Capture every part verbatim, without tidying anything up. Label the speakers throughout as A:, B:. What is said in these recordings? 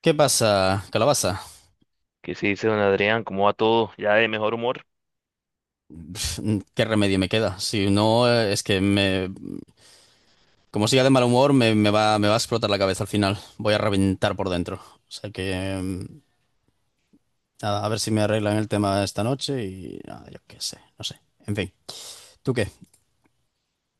A: ¿Qué pasa, calabaza?
B: ¿Qué se dice, don Adrián? ¿Cómo va todo? ¿Ya de mejor humor?
A: Pf, ¿qué remedio me queda? Si no, eh, es que me, como siga de mal humor, me, me va, me va a explotar la cabeza al final. Voy a reventar por dentro. O sea que, mm, nada, a ver si me arreglan el tema esta noche y nada, yo qué sé, no sé. En fin, ¿tú qué?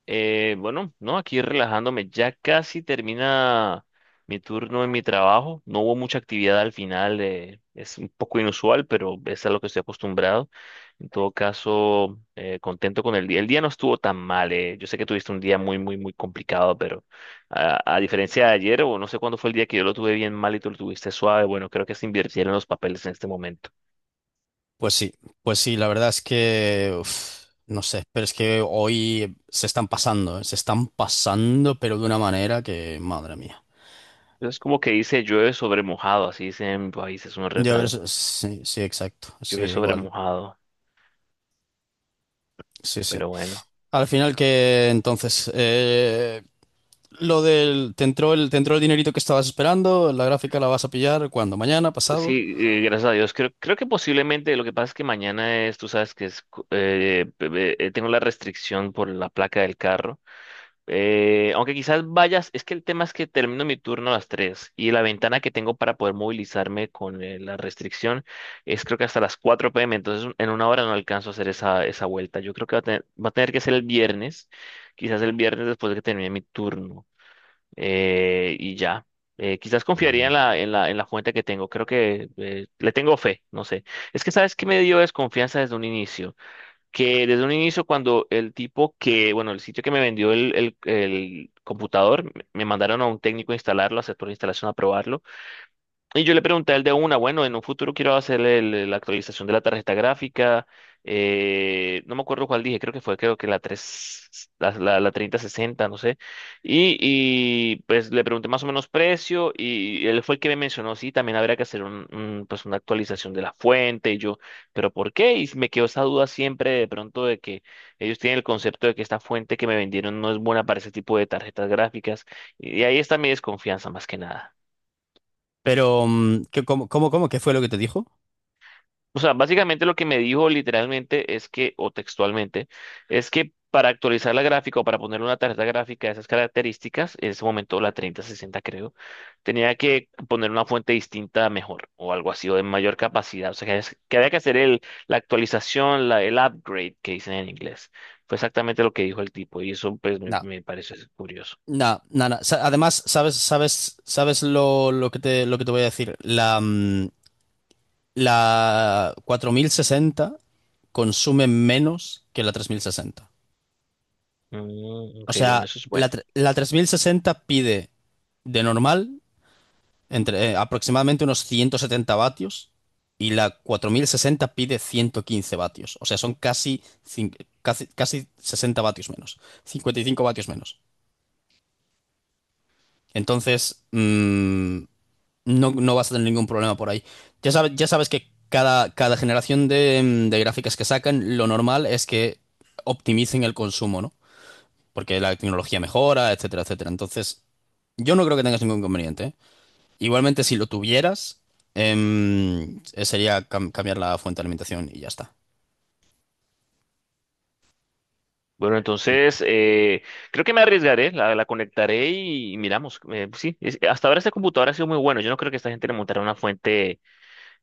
B: Eh, bueno, no, aquí relajándome. Ya casi termina mi turno en mi trabajo. No hubo mucha actividad al final. Eh, es un poco inusual, pero es a lo que estoy acostumbrado. En todo caso, eh, contento con el día. El día no estuvo tan mal. eh, Yo sé que tuviste un día muy, muy, muy complicado, pero a, a diferencia de ayer, o no sé cuándo fue el día que yo lo tuve bien mal y tú lo tuviste suave, bueno, creo que se invirtieron los papeles en este momento.
A: Pues sí, pues sí, la verdad es que, uf, no sé, pero es que hoy se están pasando, eh, se están pasando, pero de una manera que, madre mía.
B: Es como que dice llueve sobre mojado, así dice en mi país, es un
A: Yo a ver,
B: refrán.
A: sí, sí, exacto, sí,
B: Llueve sobre
A: igual,
B: mojado,
A: sí, sí.
B: pero bueno.
A: Al final que entonces eh, lo del te entró el te entró el dinerito que estabas esperando, la gráfica la vas a pillar cuando, mañana, pasado.
B: Sí, eh, gracias a Dios. Creo, creo que posiblemente lo que pasa es que mañana es, tú sabes que es, cu- eh, pe- pe- eh, tengo la restricción por la placa del carro. Eh, aunque quizás vayas, es que el tema es que termino mi turno a las tres y la ventana que tengo para poder movilizarme con eh, la restricción es creo que hasta las cuatro p m. Entonces en una hora no alcanzo a hacer esa, esa vuelta. Yo creo que va a tener, va a tener que ser el viernes, quizás el viernes después de que termine mi turno. eh, y ya, Eh, quizás confiaría en la,
A: Mm.
B: en la, en la fuente que tengo. Creo que eh, le tengo fe, no sé. Es que sabes que me dio desconfianza desde un inicio que desde un inicio cuando el tipo que, bueno, el sitio que me vendió el, el- el computador, me mandaron a un técnico a instalarlo, a hacer toda la instalación, a probarlo. Y yo le pregunté al de una, bueno, en un futuro quiero hacerle el- la actualización de la tarjeta gráfica. Eh, no me acuerdo cuál dije, creo que fue, creo que la tres la, la, la treinta sesenta, no sé. Y, y pues le pregunté más o menos precio y él fue el que me mencionó, sí, también habría que hacer un, un, pues una actualización de la fuente. Y yo, ¿pero por qué? Y me quedó esa duda siempre de pronto de que ellos tienen el concepto de que esta fuente que me vendieron no es buena para ese tipo de tarjetas gráficas. Y ahí está mi desconfianza más que nada.
A: Pero mm, ¿qué- ¿cómo, cómo, cómo? ¿Qué fue lo que te dijo?
B: O sea, básicamente lo que me dijo literalmente es que, o textualmente, es que para actualizar la gráfica o para poner una tarjeta gráfica de esas características, en ese momento la treinta sesenta creo, tenía que poner una fuente distinta mejor o algo así o de mayor capacidad. O sea, que, es- que había que hacer el, la actualización, la, el upgrade que dicen en inglés. Fue exactamente lo que dijo el tipo y eso pues me,
A: No,
B: me pareció curioso.
A: no, no, no. Sa- Además, sabes, sabes, sabes lo, lo que te lo que te voy a decir. La mm, la cuatro mil sesenta consume menos que la tres mil sesenta.
B: Mm,
A: O
B: ok, bueno,
A: sea,
B: eso es bueno.
A: la, tre- la tres mil sesenta pide de normal entre eh, aproximadamente unos ciento setenta vatios, y la cuatro mil sesenta pide ciento quince vatios. O sea, son casi, cin- casi, casi sesenta vatios menos, cincuenta y cinco vatios menos. Entonces, mm, no, no vas a tener ningún problema por ahí. Ya sabes, ya sabes que cada, cada generación de, mm, de gráficas que sacan, lo normal es que optimicen el consumo, ¿no? Porque la tecnología mejora, etcétera, etcétera. Entonces, yo no creo que tengas ningún inconveniente, ¿eh? Igualmente, si lo tuvieras, em, eh, sería cam- cambiar la fuente de alimentación y ya está.
B: Bueno, entonces eh, creo que me arriesgaré, la, la conectaré y, y miramos. Eh, pues sí, es- hasta ahora esta computadora ha sido muy bueno. Yo no creo que esta gente le montara una fuente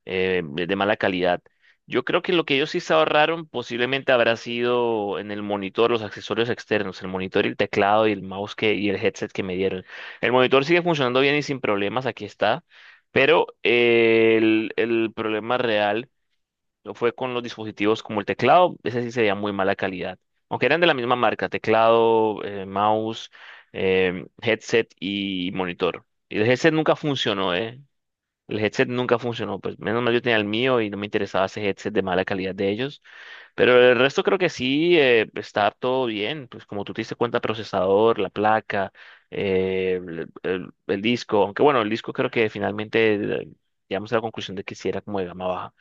B: eh, de de mala calidad. Yo creo que lo que ellos sí se ahorraron posiblemente habrá sido en el monitor, los accesorios externos, el monitor y el teclado y el mouse que, y el headset que me dieron. El monitor sigue funcionando bien y sin problemas, aquí está. Pero eh, el, el problema real fue con los dispositivos como el teclado, ese sí sería muy mala calidad. Aunque eran de la misma marca, teclado, eh, mouse, eh, headset y monitor. Y el headset nunca funcionó, ¿eh? El headset nunca funcionó, pues menos mal yo tenía el mío y no me interesaba ese headset de mala calidad de ellos. Pero el resto creo que sí eh, está todo bien, pues como tú te diste cuenta, procesador, la placa, eh, el, el- el disco, aunque bueno, el disco creo que finalmente eh, llegamos a la conclusión de que sí era como de gama baja.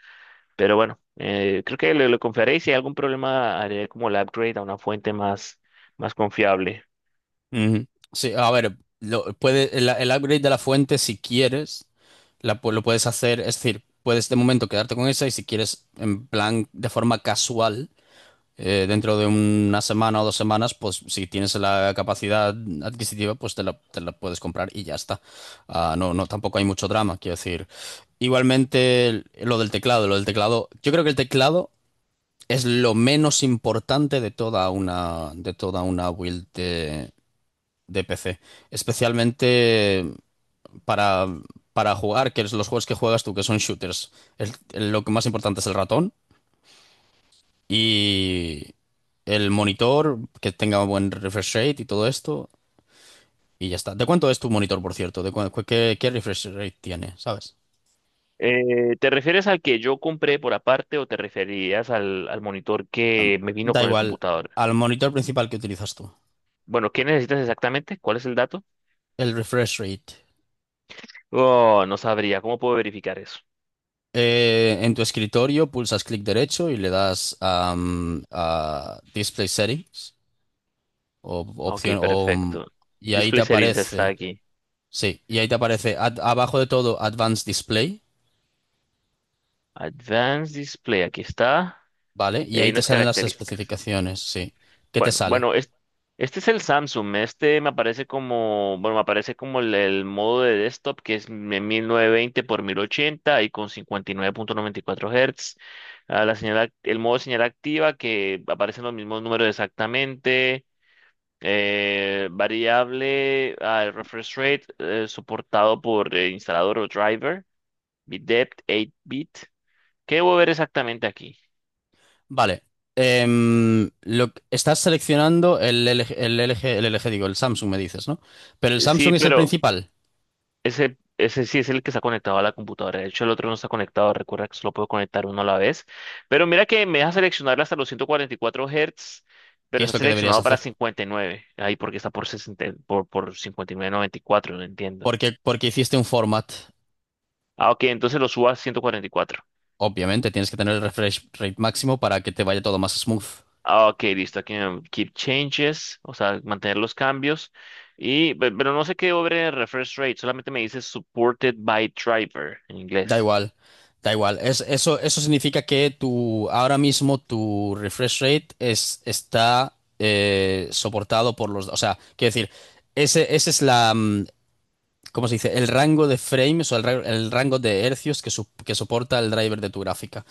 B: Pero bueno, eh, creo que le, le confiaré y si hay algún problema haré como el upgrade a una fuente más, más confiable.
A: Ujú. Sí, a ver, lo, puede, el, el upgrade de la fuente, si quieres, la, pu- lo puedes hacer, es decir, puedes de momento quedarte con esa y si quieres, en plan, de forma casual, eh, dentro de una semana o dos semanas, pues si tienes la capacidad adquisitiva, pues te la, te la puedes comprar y ya está. Ah, no, no, tampoco hay mucho drama, quiero decir. Igualmente, lo del teclado, lo del teclado, yo creo que el teclado es lo menos importante de toda una, de toda una build de, de P C. Especialmente para, para jugar, que es los juegos que juegas tú, que son shooters. El- el- lo que más importante es el ratón y el monitor, que tenga buen refresh rate y todo esto. Y ya está. ¿De cuánto es tu monitor, por cierto? ¿De cu- cu- qué, qué refresh rate tiene? ¿Sabes?
B: Eh, ¿te refieres al que yo compré por aparte o te referías al, al monitor que me vino
A: Da
B: con el
A: igual,
B: computador?
A: al monitor principal que utilizas tú.
B: Bueno, ¿qué necesitas exactamente? ¿Cuál es el dato?
A: El refresh rate.
B: Oh, no sabría. ¿Cómo puedo verificar eso?
A: Eh, en tu escritorio pulsas clic derecho y le das am, a Display Settings o
B: Ok,
A: opción o, mm,
B: perfecto.
A: y ahí te
B: Display Settings está
A: aparece,
B: aquí.
A: sí, y ahí te aparece ad- abajo de todo Advanced Display,
B: Advanced Display, aquí está.
A: ¿vale? Y
B: Y
A: ahí
B: hay
A: te
B: unas
A: salen las
B: características.
A: especificaciones, sí. ¿Qué te
B: Bueno,
A: sale?
B: bueno, es- este es el Samsung. Este me aparece como, bueno, me aparece como el, el modo de desktop que es de mil novecientos veinte por mil ochenta y con cincuenta y nueve punto noventa y cuatro Hz. Ah, la señal, act- el modo señal activa que aparecen los mismos números exactamente. Eh, variable, ah, el refresh rate eh, soportado por eh, instalador o driver. Bit depth, ocho bit. ¿Qué debo ver exactamente aquí?
A: Vale. Em, lo, estás seleccionando el L G, el L G, el L G, digo, el Samsung me dices, ¿no? Pero el
B: Eh, Sí,
A: Samsung es el
B: pero,
A: principal,
B: Ese, ese sí es el que está conectado a la computadora. De hecho, el otro no está conectado. Recuerda que solo puedo conectar uno a la vez. Pero mira que me deja seleccionar hasta los ciento cuarenta y cuatro Hz,
A: que
B: pero
A: es
B: está
A: lo que deberías
B: seleccionado para
A: hacer,
B: cincuenta y nueve. Ahí porque está por sesenta, por, por cincuenta y nueve punto noventa y cuatro, no entiendo.
A: porque porque hiciste un format.
B: Ah, ok, entonces lo subo a ciento cuarenta y cuatro.
A: Obviamente, tienes que tener el refresh rate máximo para que te vaya todo más smooth.
B: Ah, ok, listo. Aquí me- keep changes, o sea, mantener los cambios. Y, pe- pero no sé qué over refresh rate, solamente me dice supported by driver en
A: Da
B: inglés.
A: igual, da igual. Es, eso, eso significa que tu, ahora mismo tu refresh rate es, está eh, soportado por los. O sea, quiero decir, ese, ese es la. Mm, ¿cómo se dice? El rango de frames o el, ra- el rango de hercios que, su- que soporta el driver de tu gráfica.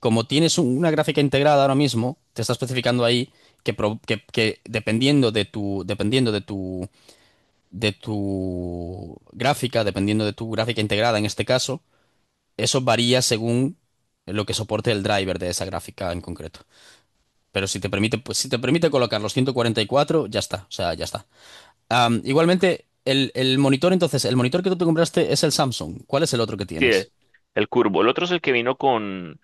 A: Como tienes un- una gráfica integrada ahora mismo, te está especificando ahí que, pro- que- que dependiendo de tu, dependiendo de tu de tu gráfica, dependiendo de tu gráfica integrada en este caso, eso varía según lo que soporte el driver de esa gráfica en concreto. Pero si te permite, pues, si te permite colocar los ciento cuarenta y cuatro, ya está, o sea, ya está. Am, igualmente, el, el monitor, entonces, el monitor que tú te compraste es el Samsung. ¿Cuál es el otro que
B: Sí,
A: tienes?
B: el curvo. El otro es el que vino con.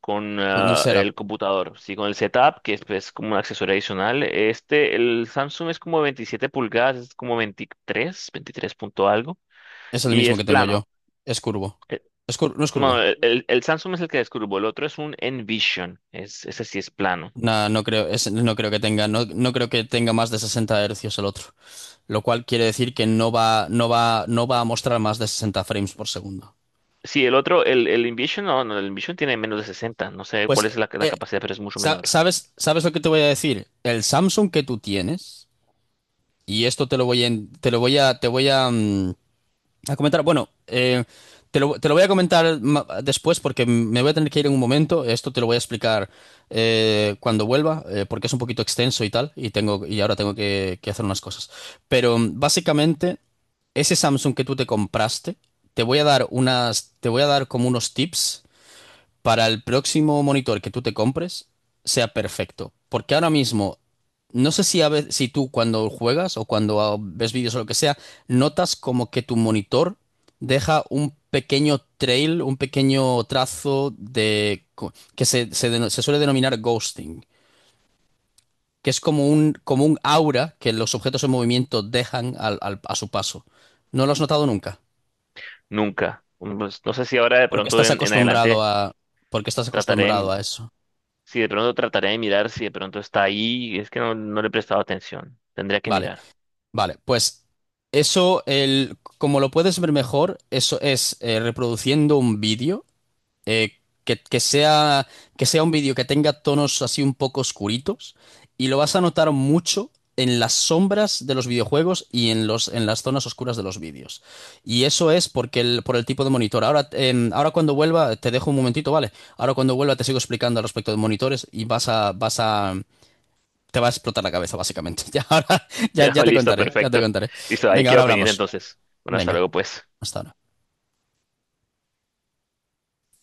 B: con
A: Con el
B: ah,
A: setup.
B: el computador, sí, con el setup, que es pues, como un accesorio adicional. Este, el Samsung es como veintisiete pulgadas, es como veintitrés, veintitrés punto algo,
A: Es el
B: y
A: mismo
B: es
A: que tengo yo.
B: plano.
A: Es curvo.
B: Eh,
A: Es cur- no es
B: No,
A: curvo.
B: el, el- El Samsung es el que descubro, el otro es un Envision, es, ese sí es plano.
A: No, no creo, es- no creo que tenga, no, no creo que tenga más de sesenta hercios el otro. Lo cual quiere decir que no va, no va, no va a mostrar más de sesenta frames por segundo.
B: Sí, el otro, el, el Envision, no, no, el Envision tiene menos de sesenta, no sé
A: Pues,
B: cuál es la, la
A: eh,
B: capacidad, pero es mucho
A: sa-
B: menor.
A: ¿sabes, sabes lo que te voy a decir? El Samsung que tú tienes, y esto te lo voy a, en- te lo voy a, te voy a, mm, a comentar. Bueno, eh, te lo, te lo voy a comentar ma- después porque me voy a tener que ir en un momento. Esto te lo voy a explicar eh, cuando vuelva, eh, porque es un poquito extenso y tal, y tengo, y ahora tengo que, que hacer unas cosas. Pero mm, básicamente, ese Samsung que tú te compraste, te voy a dar unas, te voy a dar como unos tips para el próximo monitor que tú te compres sea perfecto. Porque ahora mismo, no sé si, a ve- si tú cuando juegas o cuando ah, ves vídeos o lo que sea, notas como que tu monitor deja un pequeño trail, un pequeño trazo de co- que se, se deno- se suele denominar ghosting, que es como un, como un aura que los objetos en movimiento dejan al- al- a su paso. ¿No lo has notado nunca?
B: Nunca. Mm, pues, no sé si ahora de
A: Porque
B: pronto
A: estás
B: en, en
A: acostumbrado
B: adelante
A: a, porque estás acostumbrado
B: trataré.
A: a eso.
B: Si de pronto trataré de mirar, si de pronto está ahí, es que no, no le he prestado atención. Tendría que
A: Vale.
B: mirar.
A: Vale, pues eso, el, como lo puedes ver mejor, eso es eh, reproduciendo un vídeo eh, que, que sea, que sea un vídeo que tenga tonos así un poco oscuritos y lo vas a notar mucho en las sombras de los videojuegos y en los, en las zonas oscuras de los vídeos. Y eso es porque el, por el tipo de monitor. Ahora, em, ahora cuando vuelva, te dejo un momentito, ¿vale? Ahora cuando vuelva te sigo explicando al respecto de monitores y vas a, vas a, te va a explotar la cabeza, básicamente. Ya, ahora, ya, ya te
B: Listo, bueno,
A: contaré, ya te
B: perfecto.
A: contaré.
B: Listo, ahí
A: Venga, ahora
B: quedo pendiente
A: hablamos.
B: entonces. Bueno, hasta
A: Venga,
B: luego, pues.
A: hasta ahora.